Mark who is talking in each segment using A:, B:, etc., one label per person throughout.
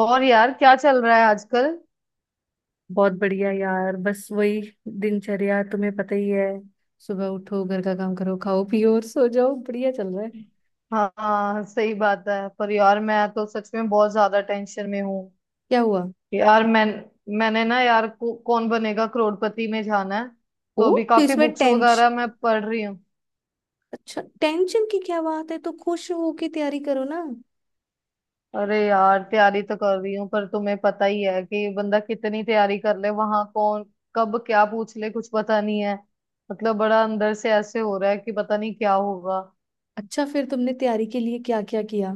A: और यार क्या चल रहा है आजकल?
B: बहुत बढ़िया यार, बस वही दिनचर्या तुम्हें पता ही है। सुबह उठो, घर का काम करो, खाओ पियो और सो जाओ, बढ़िया चल रहा है।
A: हाँ हाँ, सही बात है। पर यार मैं तो सच में बहुत ज्यादा टेंशन में हूँ।
B: क्या हुआ?
A: यार मैं मैंने ना यार को, कौन बनेगा करोड़पति में जाना है।
B: ओ।
A: तो अभी
B: तो
A: काफी
B: इसमें
A: बुक्स
B: टेंशन?
A: वगैरह मैं पढ़ रही हूँ।
B: अच्छा, टेंशन की क्या बात है, तो खुश होके तैयारी करो ना।
A: अरे यार तैयारी तो कर रही हूँ पर तुम्हें पता ही है कि बंदा कितनी तैयारी कर ले, वहां कौन कब क्या पूछ ले कुछ पता नहीं है। मतलब बड़ा अंदर से ऐसे हो रहा है कि पता नहीं क्या होगा।
B: अच्छा, फिर तुमने तैयारी के लिए क्या क्या किया?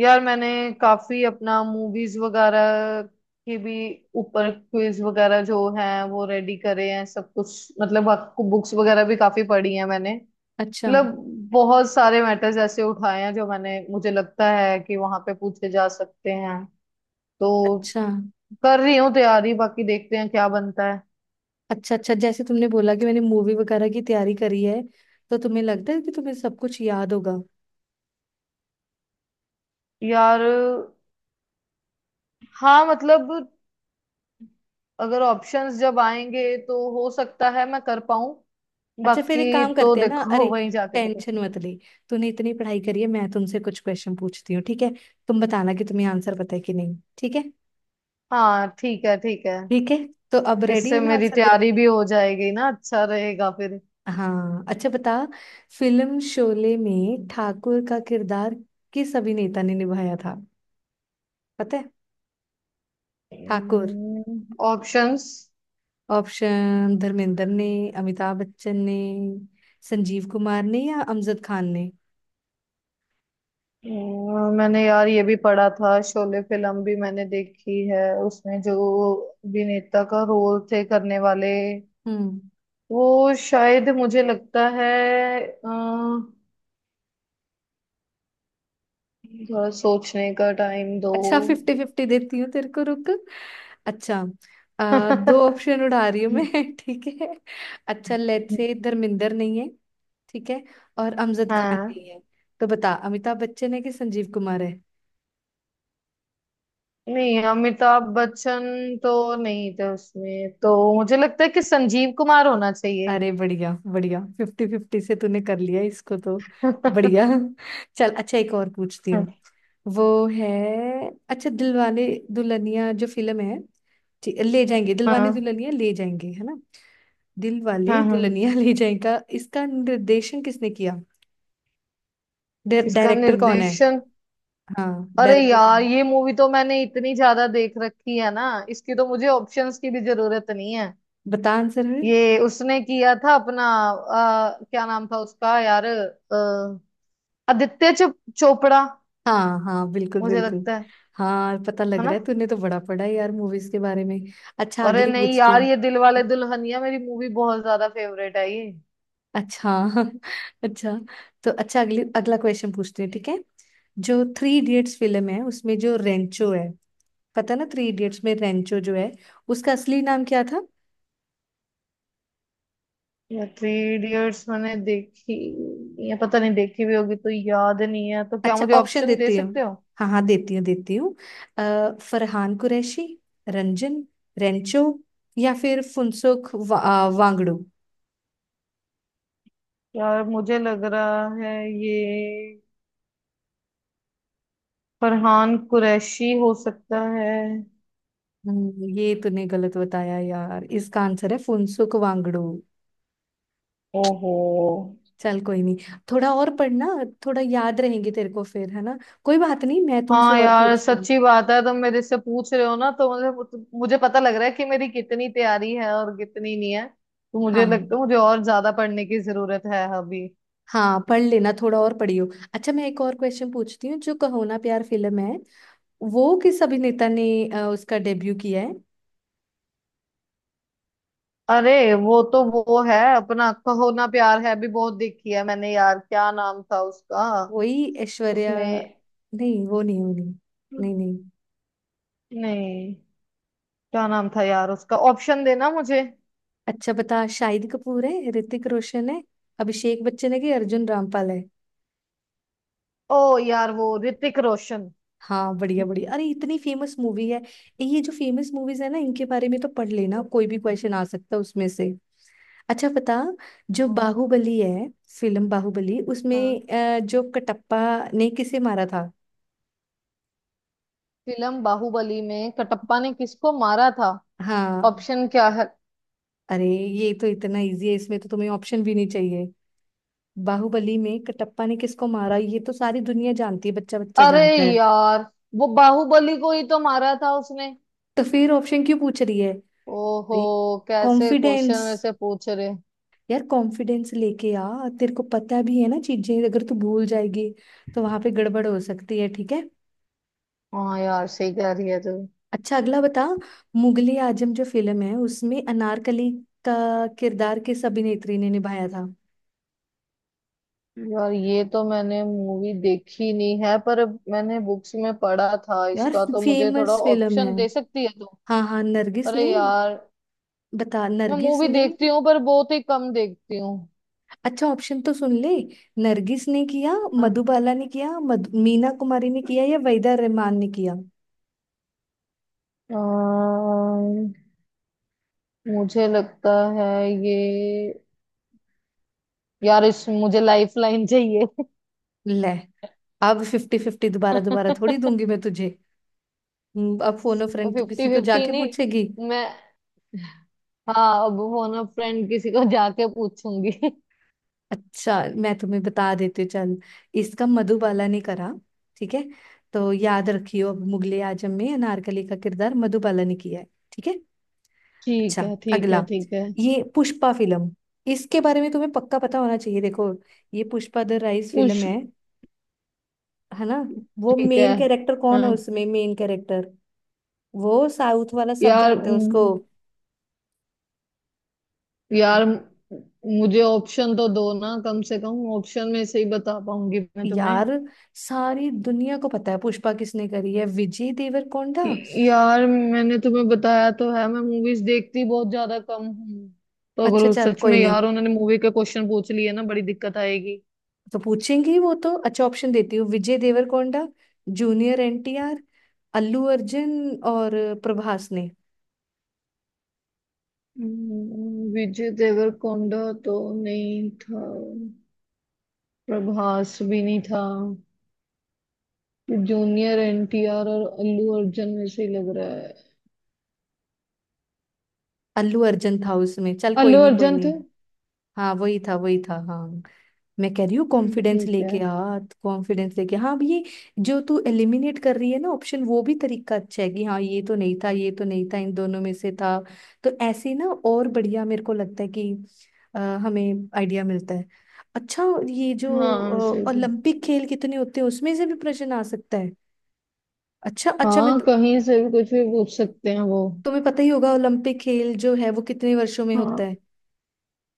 A: यार मैंने काफी अपना मूवीज वगैरह के भी ऊपर क्विज वगैरह जो है वो रेडी करे हैं सब कुछ, मतलब आपको बुक्स वगैरह भी काफी पढ़ी हैं मैंने।
B: अच्छा।
A: मतलब बहुत सारे मैटर्स ऐसे उठाए हैं जो मैंने मुझे लगता है कि वहां पे पूछे जा सकते हैं। तो
B: अच्छा।
A: कर रही हूँ तैयारी, बाकी देखते हैं क्या बनता है।
B: अच्छा। अच्छा, जैसे तुमने बोला कि मैंने मूवी वगैरह की तैयारी करी है, तो तुम्हें लगता है कि तुम्हें सब कुछ याद होगा?
A: यार, हाँ मतलब अगर ऑप्शंस जब आएंगे तो हो सकता है मैं कर पाऊं।
B: अच्छा, फिर एक
A: बाकी
B: काम
A: तो
B: करते हैं ना।
A: देखो
B: अरे,
A: वहीं जाके पता
B: टेंशन
A: चलेगा।
B: मत ले। तूने इतनी पढ़ाई करी है, मैं तुमसे कुछ क्वेश्चन पूछती हूँ, ठीक है? तुम बताना कि तुम्हें आंसर पता है कि नहीं, ठीक है?
A: हाँ ठीक है ठीक है।
B: ठीक है। तो अब रेडी
A: इससे
B: हो ना
A: मेरी
B: आंसर देने
A: तैयारी भी
B: के लिए?
A: हो जाएगी ना, अच्छा रहेगा फिर।
B: हाँ, अच्छा बता। फिल्म शोले में ठाकुर का किरदार किस अभिनेता ने निभाया था? पता है? ठाकुर।
A: ऑप्शंस।
B: ऑप्शन, धर्मेंद्र ने, अमिताभ बच्चन ने, संजीव कुमार ने या अमजद खान ने?
A: मैंने यार ये भी पढ़ा था, शोले फिल्म भी मैंने देखी है उसमें जो अभिनेता का रोल थे करने वाले
B: हम्म।
A: वो शायद मुझे लगता है, अ, थोड़ा सोचने का टाइम दो।
B: अच्छा, फिफ्टी फिफ्टी देती हूँ तेरे को, रुक। अच्छा, दो ऑप्शन उड़ा रही हूँ मैं ठीक है? अच्छा, लेट्स से धर्मेंद्र नहीं है, ठीक है? और अमजद खान
A: हाँ,
B: नहीं है। तो बता, अमिताभ बच्चन है कि संजीव कुमार है?
A: नहीं अमिताभ बच्चन तो नहीं थे उसमें, तो मुझे लगता है कि संजीव कुमार होना चाहिए।
B: अरे बढ़िया बढ़िया, फिफ्टी फिफ्टी से तूने कर लिया इसको तो। बढ़िया। चल, अच्छा एक और पूछती हूँ। वो है। अच्छा, दिलवाले दुल्हनिया जो फिल्म है, ठीक, ले जाएंगे, दिलवाले
A: हाँ
B: दुल्हनिया ले जाएंगे, है ना? दिलवाले
A: हाँ। हाँ।
B: दुल्हनिया ले जाएगा, इसका निर्देशन किसने किया?
A: इसका
B: डायरेक्टर कौन है?
A: निर्देशन।
B: हाँ,
A: अरे
B: डायरेक्टर कौन
A: यार
B: है?
A: ये मूवी तो मैंने इतनी ज्यादा देख रखी है ना, इसकी तो मुझे ऑप्शंस की भी जरूरत नहीं है।
B: बता आंसर फिर।
A: ये उसने किया था अपना, क्या नाम था उसका यार, आदित्य चोपड़ा।
B: हाँ हाँ, बिल्कुल
A: मुझे
B: बिल्कुल।
A: लगता है
B: हाँ, पता लग
A: है ना?
B: रहा है, तूने तो बड़ा पढ़ा है यार मूवीज के बारे में। अच्छा,
A: अरे
B: अगली
A: नहीं
B: पूछती
A: यार, ये दिल वाले
B: हूँ।
A: दुल्हनिया मेरी मूवी बहुत ज्यादा फेवरेट है ये।
B: अच्छा अच्छा। तो अच्छा, अगली अगला क्वेश्चन पूछते हैं, ठीक है? जो थ्री इडियट्स फिल्म है उसमें जो रेंचो है, पता ना? थ्री इडियट्स में रेंचो जो है, उसका असली नाम क्या था?
A: या थ्री इडियट्स मैंने देखी, या पता नहीं देखी भी होगी तो याद नहीं है, तो क्या
B: अच्छा,
A: मुझे
B: ऑप्शन
A: ऑप्शन दे
B: देती हूँ।
A: सकते हो?
B: हाँ हाँ, देती हूँ देती हूँ। फरहान कुरैशी, रंजन, रेंचो, या फिर फुनसुक वांगडू?
A: यार मुझे लग रहा है ये फरहान कुरैशी हो सकता है।
B: ये तूने गलत बताया यार, इसका आंसर है फुनसुक वांगडू।
A: ओहो।
B: चल कोई नहीं। थोड़ा और पढ़ना, थोड़ा याद रहेंगे तेरे को फिर, है ना? कोई बात नहीं, मैं तुमसे
A: हाँ
B: और
A: यार
B: पूछती हूँ।
A: सच्ची बात है, तुम मेरे से पूछ रहे हो ना, तो मुझे मुझे पता लग रहा है कि मेरी कितनी तैयारी है और कितनी नहीं है। तो मुझे लगता
B: हाँ
A: है मुझे और ज्यादा पढ़ने की जरूरत है अभी।
B: हाँ, पढ़ लेना, थोड़ा और पढ़ियो। अच्छा, मैं एक और क्वेश्चन पूछती हूँ। जो कहो ना प्यार फिल्म है, वो किस अभिनेता ने उसका डेब्यू किया है?
A: अरे वो तो वो है अपना, कहो ना प्यार है, भी बहुत देखी है मैंने यार, क्या नाम था उसका?
B: वही ऐश्वर्या,
A: उसमें?
B: नहीं वो नहीं, वो नहीं। नहीं नहीं।
A: नहीं, क्या नाम था यार उसका? ऑप्शन देना मुझे।
B: अच्छा बता, शाहिद कपूर है, ऋतिक रोशन है, अभिषेक बच्चन है कि अर्जुन रामपाल है?
A: ओ यार वो ऋतिक रोशन।
B: हाँ बढ़िया बढ़िया, अरे इतनी फेमस मूवी है। ये जो फेमस मूवीज है ना, इनके बारे में तो पढ़ लेना, कोई भी क्वेश्चन आ सकता है उसमें से। अच्छा बता, जो
A: हाँ
B: बाहुबली है, फिल्म बाहुबली,
A: हाँ।
B: उसमें जो कटप्पा ने किसे मारा था?
A: फिल्म बाहुबली में कटप्पा ने किसको मारा था?
B: हाँ।
A: ऑप्शन क्या है?
B: अरे ये तो इतना इजी है, इसमें तो तुम्हें ऑप्शन भी नहीं चाहिए। बाहुबली में कटप्पा ने किसको मारा, ये तो सारी दुनिया जानती है, बच्चा बच्चा
A: अरे
B: जानता है।
A: यार वो बाहुबली को ही तो मारा था उसने।
B: तो फिर ऑप्शन क्यों पूछ रही है?
A: ओहो।
B: अरे,
A: कैसे क्वेश्चन
B: कॉन्फिडेंस,
A: में से पूछ रहे।
B: यार कॉन्फिडेंस लेके आ। तेरे को पता भी है ना चीजें, अगर तू भूल जाएगी तो वहां पे गड़बड़ हो सकती है, ठीक है?
A: हाँ यार सही कह रही है तू।
B: अच्छा, अगला बता। मुगले आजम जो फिल्म है, उसमें अनारकली का किरदार किस अभिनेत्री ने निभाया था?
A: यार ये तो मैंने मूवी देखी नहीं है, पर मैंने बुक्स में पढ़ा था
B: यार,
A: इसका, तो मुझे थोड़ा
B: फेमस फिल्म है।
A: ऑप्शन दे सकती है तो।
B: हाँ हाँ, नरगिस
A: अरे
B: ने।
A: यार
B: बता,
A: मैं
B: नरगिस
A: मूवी
B: ने।
A: देखती हूँ पर बहुत ही कम देखती हूँ।
B: अच्छा, ऑप्शन तो सुन ले। नरगिस ने किया, मधुबाला ने किया, मीना कुमारी ने किया या वहीदा रहमान ने किया?
A: अम्म, मुझे लगता है ये, यार इस मुझे लाइफ लाइन चाहिए।
B: ले। अब फिफ्टी फिफ्टी दोबारा दोबारा थोड़ी
A: फिफ्टी।
B: दूंगी मैं तुझे। अब फोन अ फ्रेंड तो किसी को
A: फिफ्टी
B: जाके
A: नहीं,
B: पूछेगी।
A: मैं। हाँ अब फोन अ फ्रेंड किसी को जाके पूछूंगी।
B: अच्छा, मैं तुम्हें बता देती हूँ, चल। इसका मधुबाला ने करा, ठीक है? तो याद रखियो, अब मुगले आजम में अनारकली का किरदार मधुबाला ने किया है, ठीक है? अच्छा,
A: ठीक है ठीक
B: अगला।
A: है ठीक है।
B: ये पुष्पा फिल्म, इसके बारे में तुम्हें पक्का पता होना चाहिए। देखो, ये पुष्पा द राइज फिल्म
A: पूछ।
B: है ना? वो
A: ठीक है।
B: मेन कैरेक्टर कौन है
A: हाँ
B: उसमें? मेन कैरेक्टर, वो साउथ वाला, सब
A: यार,
B: जानते हैं उसको।
A: यार म, मुझे ऑप्शन तो दो ना, कम से कम ऑप्शन में से ही बता पाऊंगी मैं तुम्हें।
B: यार, सारी दुनिया को पता है, पुष्पा किसने करी है, विजय देवरकोंडा।
A: यार मैंने तुम्हें बताया तो है, मैं मूवीज देखती बहुत ज्यादा कम हूँ। तो अगर
B: अच्छा
A: उस
B: चल,
A: सच
B: कोई
A: में
B: नहीं।
A: यार उन्होंने मूवी के क्वेश्चन पूछ लिए ना बड़ी दिक्कत आएगी।
B: तो पूछेंगी वो तो, अच्छा, ऑप्शन देती हूँ, विजय देवरकोंडा, जूनियर एनटीआर, अल्लू अर्जुन और प्रभास ने?
A: विजय देवरकोंडा तो नहीं था, प्रभास भी नहीं था, जूनियर एनटीआर और अल्लू अर्जुन में से ही लग रहा है।
B: अल्लू अर्जुन था उसमें, चल कोई
A: अल्लू
B: नहीं, कोई
A: अर्जुन थे।
B: नहीं। हाँ वही था, वही था, हाँ। मैं कह रही हूँ कॉन्फिडेंस
A: ठीक है।
B: लेके आ, कॉन्फिडेंस लेके, हाँ। अब ये जो तू एलिमिनेट कर रही है ना ऑप्शन, वो भी तरीका अच्छा है कि हाँ ये तो नहीं था, ये तो नहीं था, इन दोनों में से था। तो ऐसे ही ना और बढ़िया, मेरे को लगता है कि अ, हमें आइडिया मिलता है। अच्छा, ये जो
A: हाँ सही है।
B: ओलंपिक खेल कितने होते हैं, उसमें से भी प्रश्न आ सकता है। अच्छा अच्छा, मैं
A: हाँ कहीं से भी कुछ भी पूछ सकते हैं वो।
B: तुम्हें पता ही होगा, ओलंपिक खेल जो है वो कितने वर्षों में
A: हाँ
B: होता है,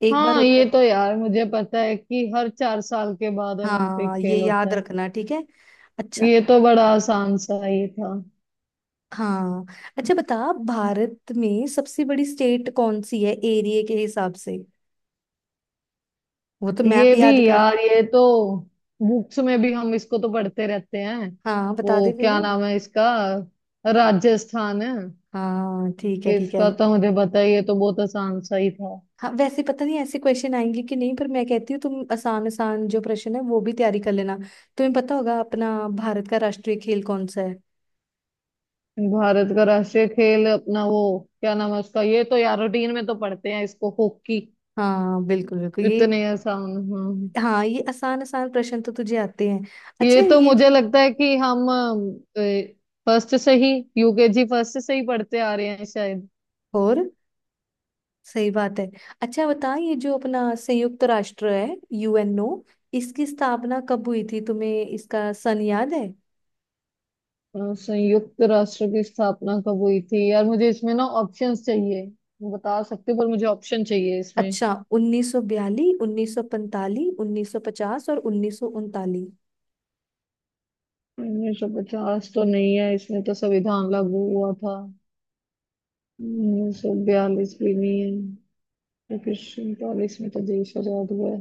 B: एक बार
A: हाँ,
B: होता है
A: ये
B: ना?
A: तो यार मुझे पता है कि हर 4 साल के बाद ओलंपिक
B: हाँ, ये
A: खेल होता
B: याद
A: है।
B: रखना, ठीक है? अच्छा।
A: ये तो बड़ा आसान सा ये था।
B: हाँ, अच्छा बता, भारत में सबसे बड़ी स्टेट कौन सी है एरिया के हिसाब से? वो तो मैप
A: ये भी
B: याद कर।
A: यार, ये तो बुक्स में भी हम इसको तो पढ़ते रहते हैं।
B: हाँ, बता दे
A: वो
B: फिर।
A: क्या नाम है इसका? राजस्थान है।
B: हाँ ठीक है, ठीक है।
A: इसका तो मुझे पता है, ये तो बहुत आसान सा ही था।
B: हाँ वैसे पता नहीं ऐसे क्वेश्चन आएंगे कि नहीं, पर मैं कहती हूँ तुम आसान आसान जो प्रश्न है वो भी तैयारी कर लेना। तुम्हें पता होगा अपना, भारत का राष्ट्रीय खेल कौन सा है?
A: भारत का राष्ट्रीय खेल अपना वो क्या नाम है उसका, ये तो यार रूटीन में तो पढ़ते हैं इसको, हॉकी।
B: हाँ बिल्कुल बिल्कुल, ये।
A: इतने आसान। हाँ,
B: हाँ, ये आसान आसान प्रश्न तो तुझे आते हैं। अच्छा,
A: ये तो
B: ये जो,
A: मुझे लगता है कि हम फर्स्ट से ही, UKG फर्स्ट से ही पढ़ते आ रहे हैं शायद।
B: और सही बात है। अच्छा बता, ये जो अपना संयुक्त राष्ट्र है, यूएनओ, इसकी स्थापना कब हुई थी? तुम्हें इसका सन याद है?
A: अ, संयुक्त राष्ट्र की स्थापना कब हुई थी, यार मुझे इसमें ना ऑप्शंस चाहिए। बता सकते हो, पर मुझे ऑप्शन चाहिए इसमें।
B: अच्छा, 1942, 1945, 1950 और 1939?
A: 1950 तो नहीं है, इसमें तो संविधान लागू हुआ था। 1942 भी नहीं है। 1939 में तो देश आजाद हुआ है।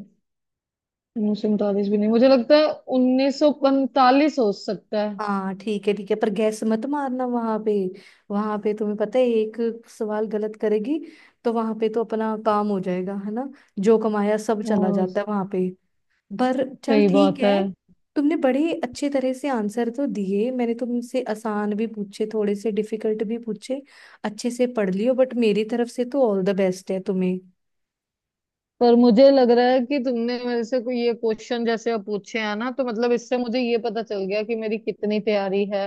A: 1939 भी नहीं मुझे लगता है। 1945 हो सकता
B: हाँ ठीक है, ठीक है, पर गैस मत मारना वहां पे। वहां पे तुम्हें पता है, एक सवाल गलत करेगी तो वहां पे तो अपना काम हो जाएगा, है ना? जो कमाया सब चला
A: है।
B: जाता है वहां पे। पर चल,
A: सही
B: ठीक
A: बात है।
B: है। तुमने बड़े अच्छे तरह से आंसर तो दिए, मैंने तुमसे आसान भी पूछे, थोड़े से डिफिकल्ट भी पूछे। अच्छे से पढ़ लियो, बट मेरी तरफ से तो ऑल द बेस्ट है तुम्हें।
A: पर मुझे लग रहा है कि तुमने मेरे से कोई ये क्वेश्चन जैसे अब पूछे हैं ना, तो मतलब इससे मुझे ये पता चल गया कि मेरी कितनी तैयारी है।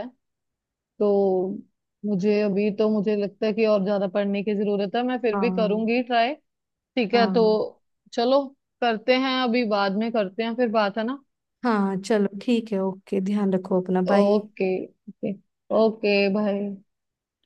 A: तो मुझे अभी तो मुझे लगता है कि और ज्यादा पढ़ने की जरूरत है, मैं फिर भी
B: हाँ।
A: करूंगी ट्राई। ठीक है तो
B: हाँ।
A: चलो, करते हैं अभी, बाद में करते हैं फिर, बात है ना।
B: हाँ चलो ठीक है, ओके, ध्यान रखो अपना, बाय।
A: Okay okay. ओके भाई।